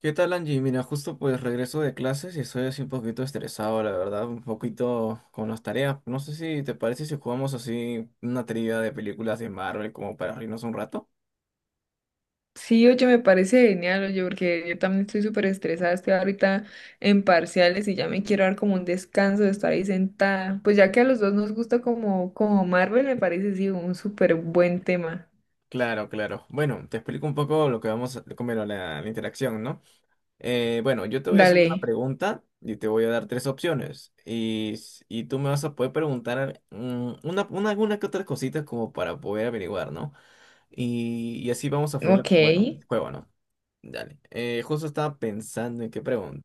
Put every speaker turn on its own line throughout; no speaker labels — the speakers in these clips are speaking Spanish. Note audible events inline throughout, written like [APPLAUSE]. ¿Qué tal, Angie? Mira, justo pues regreso de clases y estoy así un poquito estresado, la verdad, un poquito con las tareas. No sé si te parece si jugamos así una trivia de películas de Marvel como para reírnos un rato.
Sí, oye, me parece genial, oye, porque yo también estoy súper estresada, estoy ahorita en parciales y ya me quiero dar como un descanso de estar ahí sentada. Pues ya que a los dos nos gusta como Marvel, me parece sí un súper buen tema.
Claro, claro. Bueno, te explico un poco lo que vamos a comer a la interacción, ¿no? Bueno, yo te voy a hacer una
Dale,
pregunta y te voy a dar tres opciones. Y tú me vas a poder preguntar una, alguna que otras cositas como para poder averiguar, ¿no? Y así vamos a freír,
ok,
bueno, el juego, ¿no? Dale. Justo estaba pensando en qué pregunta.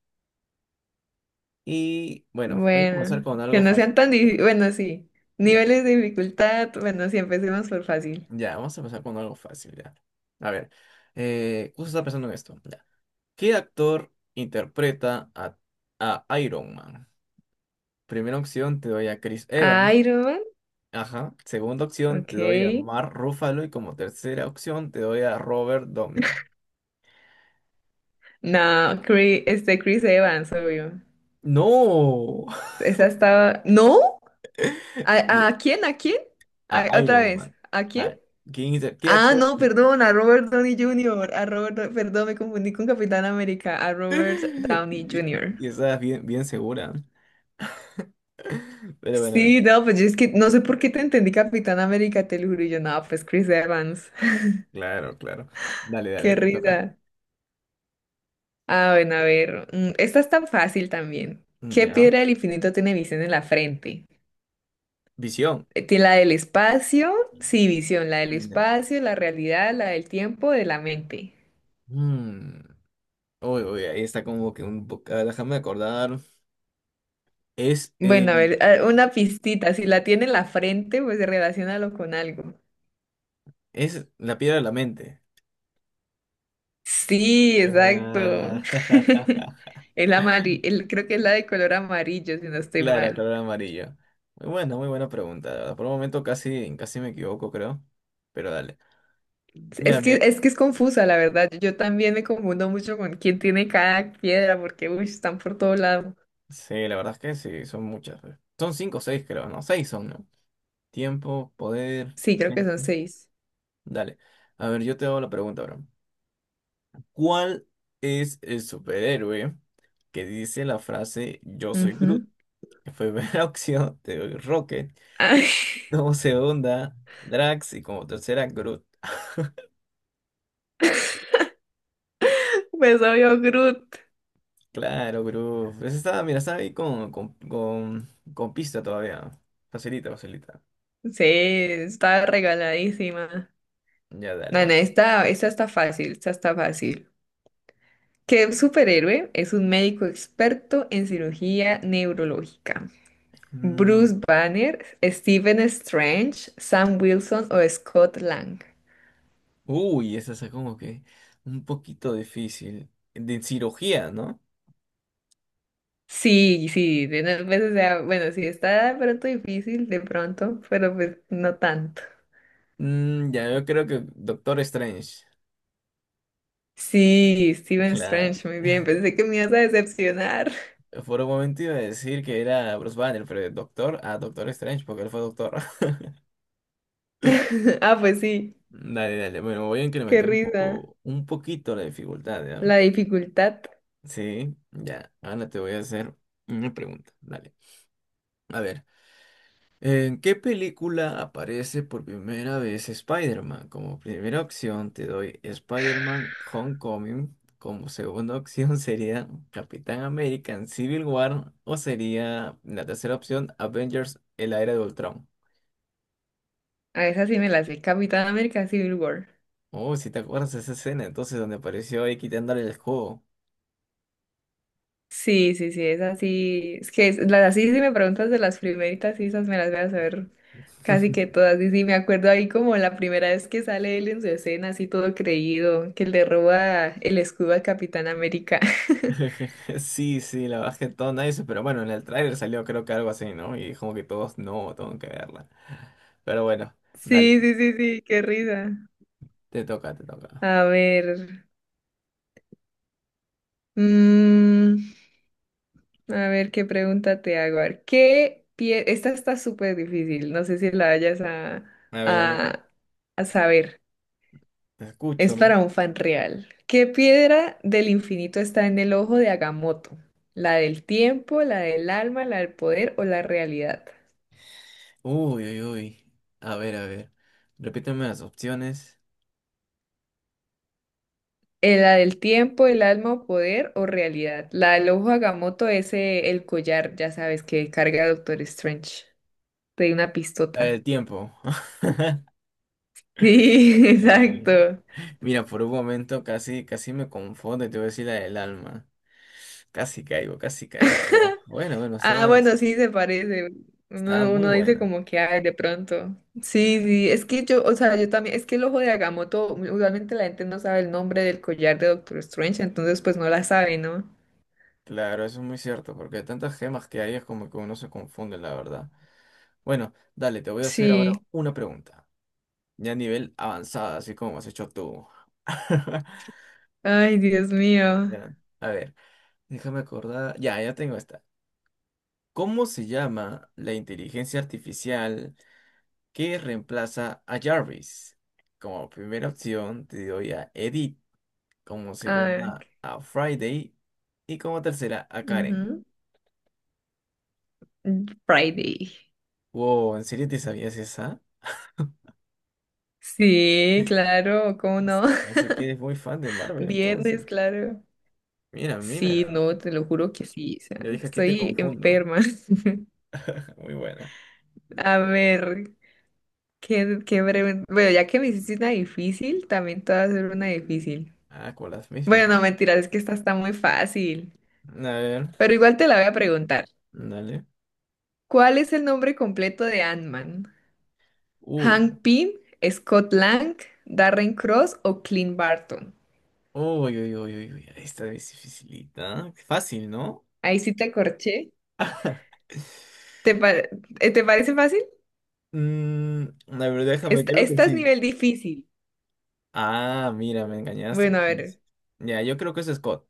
Y bueno, voy a comenzar
bueno,
con
que
algo
no sean
fácil.
tan difíciles, bueno, sí,
Ya,
niveles de dificultad, bueno, sí, empecemos por fácil.
ya, vamos a empezar con algo fácil, ya. A ver, justo estaba pensando en esto. Ya. ¿Qué actor interpreta a Iron Man? Primera opción te doy a Chris Evans.
Iron Man,
Ajá. Segunda opción te doy a
ok.
Mark Ruffalo. Y como tercera opción te doy a Robert Downey.
No, Chris, Chris Evans, obvio.
¡No!
Esa estaba, ¿no?
[LAUGHS]
¿A quién? ¿A quién?
A
Otra
Iron
vez.
Man.
¿A
A
quién?
¿Qué
Ah,
actor
no, perdón, a Robert Downey Jr. A Robert, perdón, me confundí con Capitán América, a Robert
[LAUGHS]
Downey
Y,
Jr.
y estás bien, bien segura. Pero bueno, bueno.
Sí, no, pues yo es que no sé por qué te entendí Capitán América, te lo juro, y yo no, pues Chris Evans. [LAUGHS]
Claro, claro. Dale,
Qué
dale, te toca.
risa. Ah, bueno, a ver, esta es tan fácil también. ¿Qué
Ya.
piedra del infinito tiene visión en la frente?
Visión.
Tiene la del espacio, sí, visión, la del
Ya.
espacio, la realidad, la del tiempo, de la mente.
Mm. Uy, uy, ahí está como que un poco. Déjame acordar. Es
Bueno, a ver, una pistita. Si la tiene en la frente, pues relaciónalo con algo.
es la piedra de la mente.
Sí, exacto.
Ah,
[LAUGHS]
[LAUGHS]
El amarillo, el, creo que es la de color amarillo, si no estoy
Claro,
mal.
color amarillo. Muy buena pregunta, la verdad. Por un momento casi, casi me equivoco, creo. Pero dale.
Es
Ya,
que,
mira.
es que es confusa, la verdad. Yo también me confundo mucho con quién tiene cada piedra, porque uy, están por todo lado.
Sí, la verdad es que sí, son muchas, pues. Son cinco o seis, creo, ¿no? Seis son, ¿no? Tiempo, poder.
Sí, creo que son
Ujú.
seis.
Dale. A ver, yo te hago la pregunta ahora. ¿Cuál es el superhéroe que dice la frase "Yo soy Groot"?
Ujú.
En primera [LAUGHS] opción te doy Rocket,
Ay,
como segunda Drax y como tercera Groot. Ah,
[LAUGHS] pues obvio, Groot.
claro, Groot. Esa está, mira, está ahí con pista todavía. Facilita, facilita.
Sí, está regaladísima.
Ya, dale,
No, no,
vale.
esta está fácil, esta está fácil. ¿Qué superhéroe es un médico experto en cirugía neurológica?
Mm.
Bruce Banner, Stephen Strange, Sam Wilson o Scott Lang.
Uy, esa es como que un poquito difícil. De cirugía, ¿no?
Sí, sí, de unas veces, o sea, bueno, sí está de pronto difícil, de pronto, pero pues no tanto.
Ya, yo creo que Doctor Strange.
Sí, Stephen
Claro.
Strange, muy bien, pensé que me ibas a decepcionar.
Por un momento iba a decir que era Bruce Banner, pero de Doctor a Doctor Strange, porque él fue Doctor. [LAUGHS]
[LAUGHS] Ah, pues sí,
Dale, dale. Bueno, voy a
qué
incrementar un
risa.
poco, un poquito la dificultad, ¿ya?
La dificultad,
Sí, ya. Ahora te voy a hacer una pregunta. Dale. A ver. ¿En qué película aparece por primera vez Spider-Man? Como primera opción te doy Spider-Man Homecoming. Como segunda opción sería Capitán América en Civil War. O sería la tercera opción Avengers, el era de Ultron.
a esa sí me la sé, Capitán América Civil War.
Oh, si te acuerdas de esa escena, entonces donde apareció ahí quitándole el juego.
Sí, sí, sí, es así. Es que es- las así, si me preguntas de las primeritas, sí, esas me las voy a saber casi que
[LAUGHS]
todas. Y sí, me acuerdo ahí como la primera vez que sale él en su escena, así todo creído, que le roba el escudo al Capitán América. [LAUGHS]
Sí, sí, la bajé todo nice, pero bueno, en el tráiler salió creo que algo así, ¿no? Y como que todos, no, tengo que verla. Pero bueno, dale,
Sí, sí, sí, sí, qué risa.
te toca.
A ver, mm, a ver qué pregunta te hago. A ver, ¿qué pie... Esta está súper difícil, no sé si la vayas
A ver,
a, a saber.
te
Es
escucho.
para un fan real. ¿Qué piedra del infinito está en el ojo de Agamotto? ¿La del tiempo, la del alma, la del poder o la realidad?
Uy, uy, uy. A ver, a ver. Repíteme las opciones.
La del tiempo, el alma o poder o realidad. La del ojo de Agamotto es el collar, ya sabes, que carga Doctor Strange. Te di una
El
pistota. [LAUGHS]
tiempo. [LAUGHS]
Sí,
Sí.
exacto.
Mira, por un momento casi, casi me confundo y te voy a decir la del alma. Casi caigo, casi caigo. Pero bueno,
Ah, bueno, sí se parece.
estaba
Uno,
muy
uno dice
buena.
como que, ay, de pronto. Sí,
Claro,
sí, es que yo, o sea, yo también, es que el ojo de Agamotto, usualmente la gente no sabe el nombre del collar de Doctor Strange, entonces pues no la sabe, ¿no?
claro, eso es muy cierto, porque de tantas gemas que hay es como que uno se confunde, la verdad. Bueno, dale, te voy a hacer
Sí.
ahora una pregunta. Ya a nivel avanzada, así como has hecho tú. [LAUGHS]
Ay, Dios mío.
Ya, a ver. Déjame acordar. Ya, ya tengo esta. ¿Cómo se llama la inteligencia artificial que reemplaza a Jarvis? Como primera opción te doy a Edith, como
Ay,
segunda a Friday y como tercera a Karen.
ujú. Friday.
Wow, ¿en serio te sabías esa?
Sí, claro, ¿cómo no?
No sé
[LAUGHS]
qué, eres muy fan de Marvel entonces.
Viernes, claro.
Mira,
Sí,
mira.
no, te lo juro que sí, o sea,
Yo dije aquí te
estoy
confundo.
enferma. [LAUGHS]
[LAUGHS] Muy buena.
A ver. Qué breve. Bueno, ya que me hiciste una difícil, también te voy a hacer una difícil.
Ah, con las mismas.
Bueno, no, mentiras, es que esta está muy fácil.
A ver,
Pero igual te la voy a preguntar.
dale.
¿Cuál es el nombre completo de Ant-Man?
Uy.
¿Hank Pym, Scott Lang, Darren Cross o Clint Barton?
Uy, uy, uy, uy, uy, esta es dificilita. Fácil, ¿no?
Ahí sí te corché.
[LAUGHS]
¿Te, pa- ¿Te parece fácil?
A ver, déjame,
Esta,
creo que
esta es
sí.
nivel difícil.
Ah, mira, me engañaste
Bueno, a
entonces.
ver.
Ya, yo creo que eso es Scott.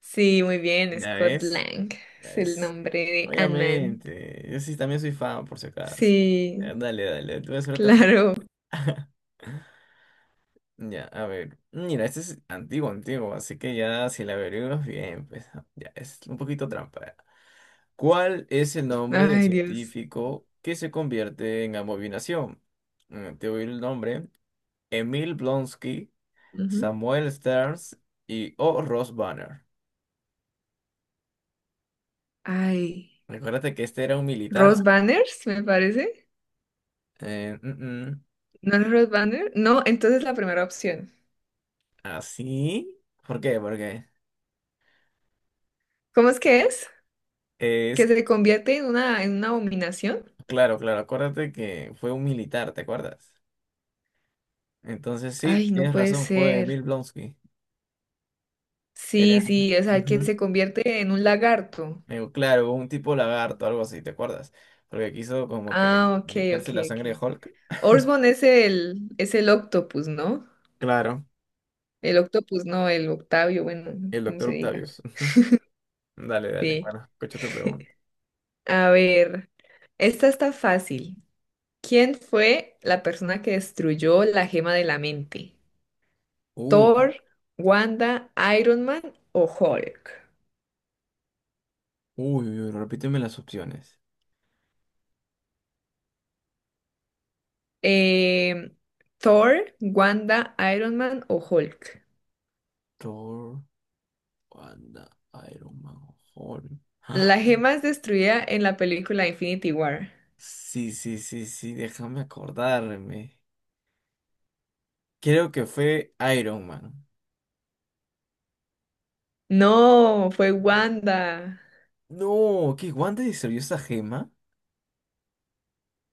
Sí, muy bien,
¿Ya
Scott
ves?
Lang.
Ya
Es el
ves.
nombre de Ant-Man.
Obviamente. Yo sí también soy fan, por si acaso.
Sí,
Ya, dale, dale, te voy a hacer otra
[LAUGHS]
pregunta.
claro.
Ya, a ver. Mira, este es antiguo, antiguo, así que ya si la averiguas bien, pues ya, es un poquito trampa. ¿Cuál es el nombre del
Ay, Dios.
científico que se convierte en abominación? Te voy a ir el nombre. Emil Blonsky,
Ujú.
Samuel Stearns y O. Ross Banner.
Ay,
Recuérdate que este era un militar.
Rose Banners, me parece.
Eh, mm, mm.
¿No es Rose Banner? No, entonces la primera opción.
¿Así? ¿Por qué? Porque
¿Cómo es? ¿Que
es...
se convierte en una abominación?
Claro, claro, acuérdate que fue un militar, ¿te acuerdas? Entonces sí,
Ay, no
tienes
puede
razón, fue
ser.
Emil Blonsky.
Sí,
Era...
sí, o sea, que se
[LAUGHS]
convierte en un lagarto.
Me digo, claro, un tipo lagarto, algo así, ¿te acuerdas? Porque quiso como que
Ah, ok, ok,
inyectarse la sangre de
ok.
Hulk.
Orsborn es el octopus, ¿no?
Claro,
El octopus, no, el Octavio, bueno,
el
como
doctor
se diga.
Octavius. Ujú. Dale, dale,
Sí.
bueno, escucha tu pregunta.
A ver, esta está fácil. ¿Quién fue la persona que destruyó la gema de la mente?
Uh,
Thor, Wanda, Iron Man o Hulk.
uy, uy, uy, repíteme las opciones.
Em, Thor, Wanda, Iron Man o Hulk.
Thor, Wanda, Iron Man, Hulk. ¡Ah!
La gema es destruida en la película Infinity War.
Sí, sí, sí, sí, déjame acordarme. Creo que fue Iron Man.
No, fue Wanda.
No, ¿qué? ¿Wanda destruyó esa gema?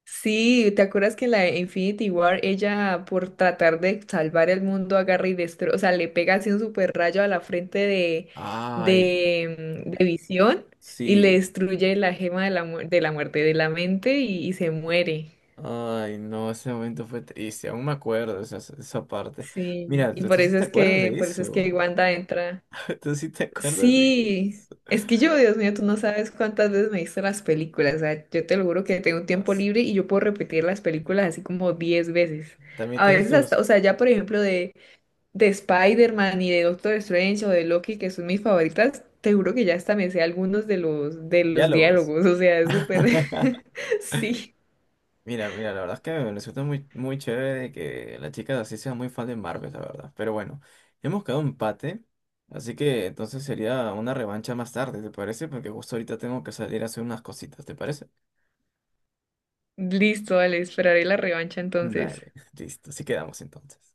Sí, ¿te acuerdas que en la de Infinity War ella por tratar de salvar el mundo agarra y destruye, o sea, le pega así un super rayo a la frente de,
Ay,
de, mm, de Visión y le
sí.
destruye la gema de la, mu- de la muerte de la mente y se muere.
Ay, no, ese momento fue triste, aún me acuerdo esa, esa parte.
Sí,
Mira,
y
tú
por
sí
eso
te
es
acuerdas
que,
de
por eso es que
eso.
Wanda entra.
[LAUGHS] Tú sí te acuerdas de
Sí,
eso.
es que yo, Dios mío, tú no sabes cuántas veces me he visto las películas. O sea, yo te lo juro que tengo un tiempo
As-
libre y yo puedo repetir las películas así como 10 veces.
También
A
tienes
veces hasta,
tus
o sea, ya por ejemplo de Spider-Man y de Doctor Strange o de Loki, que son mis favoritas, te juro que ya hasta me sé algunos de los
diálogos.
diálogos. O sea, es súper.
[LAUGHS]
[LAUGHS] Sí.
Mira, mira, la verdad es que me resulta muy, muy chévere que la chica así sea muy fan de Marvel, la verdad. Pero bueno, hemos quedado empate, así que entonces sería una revancha más tarde, ¿te parece? Porque justo ahorita tengo que salir a hacer unas cositas, ¿te parece?
Listo, vale, esperaré la revancha entonces.
Dale, [LAUGHS] listo, así quedamos entonces.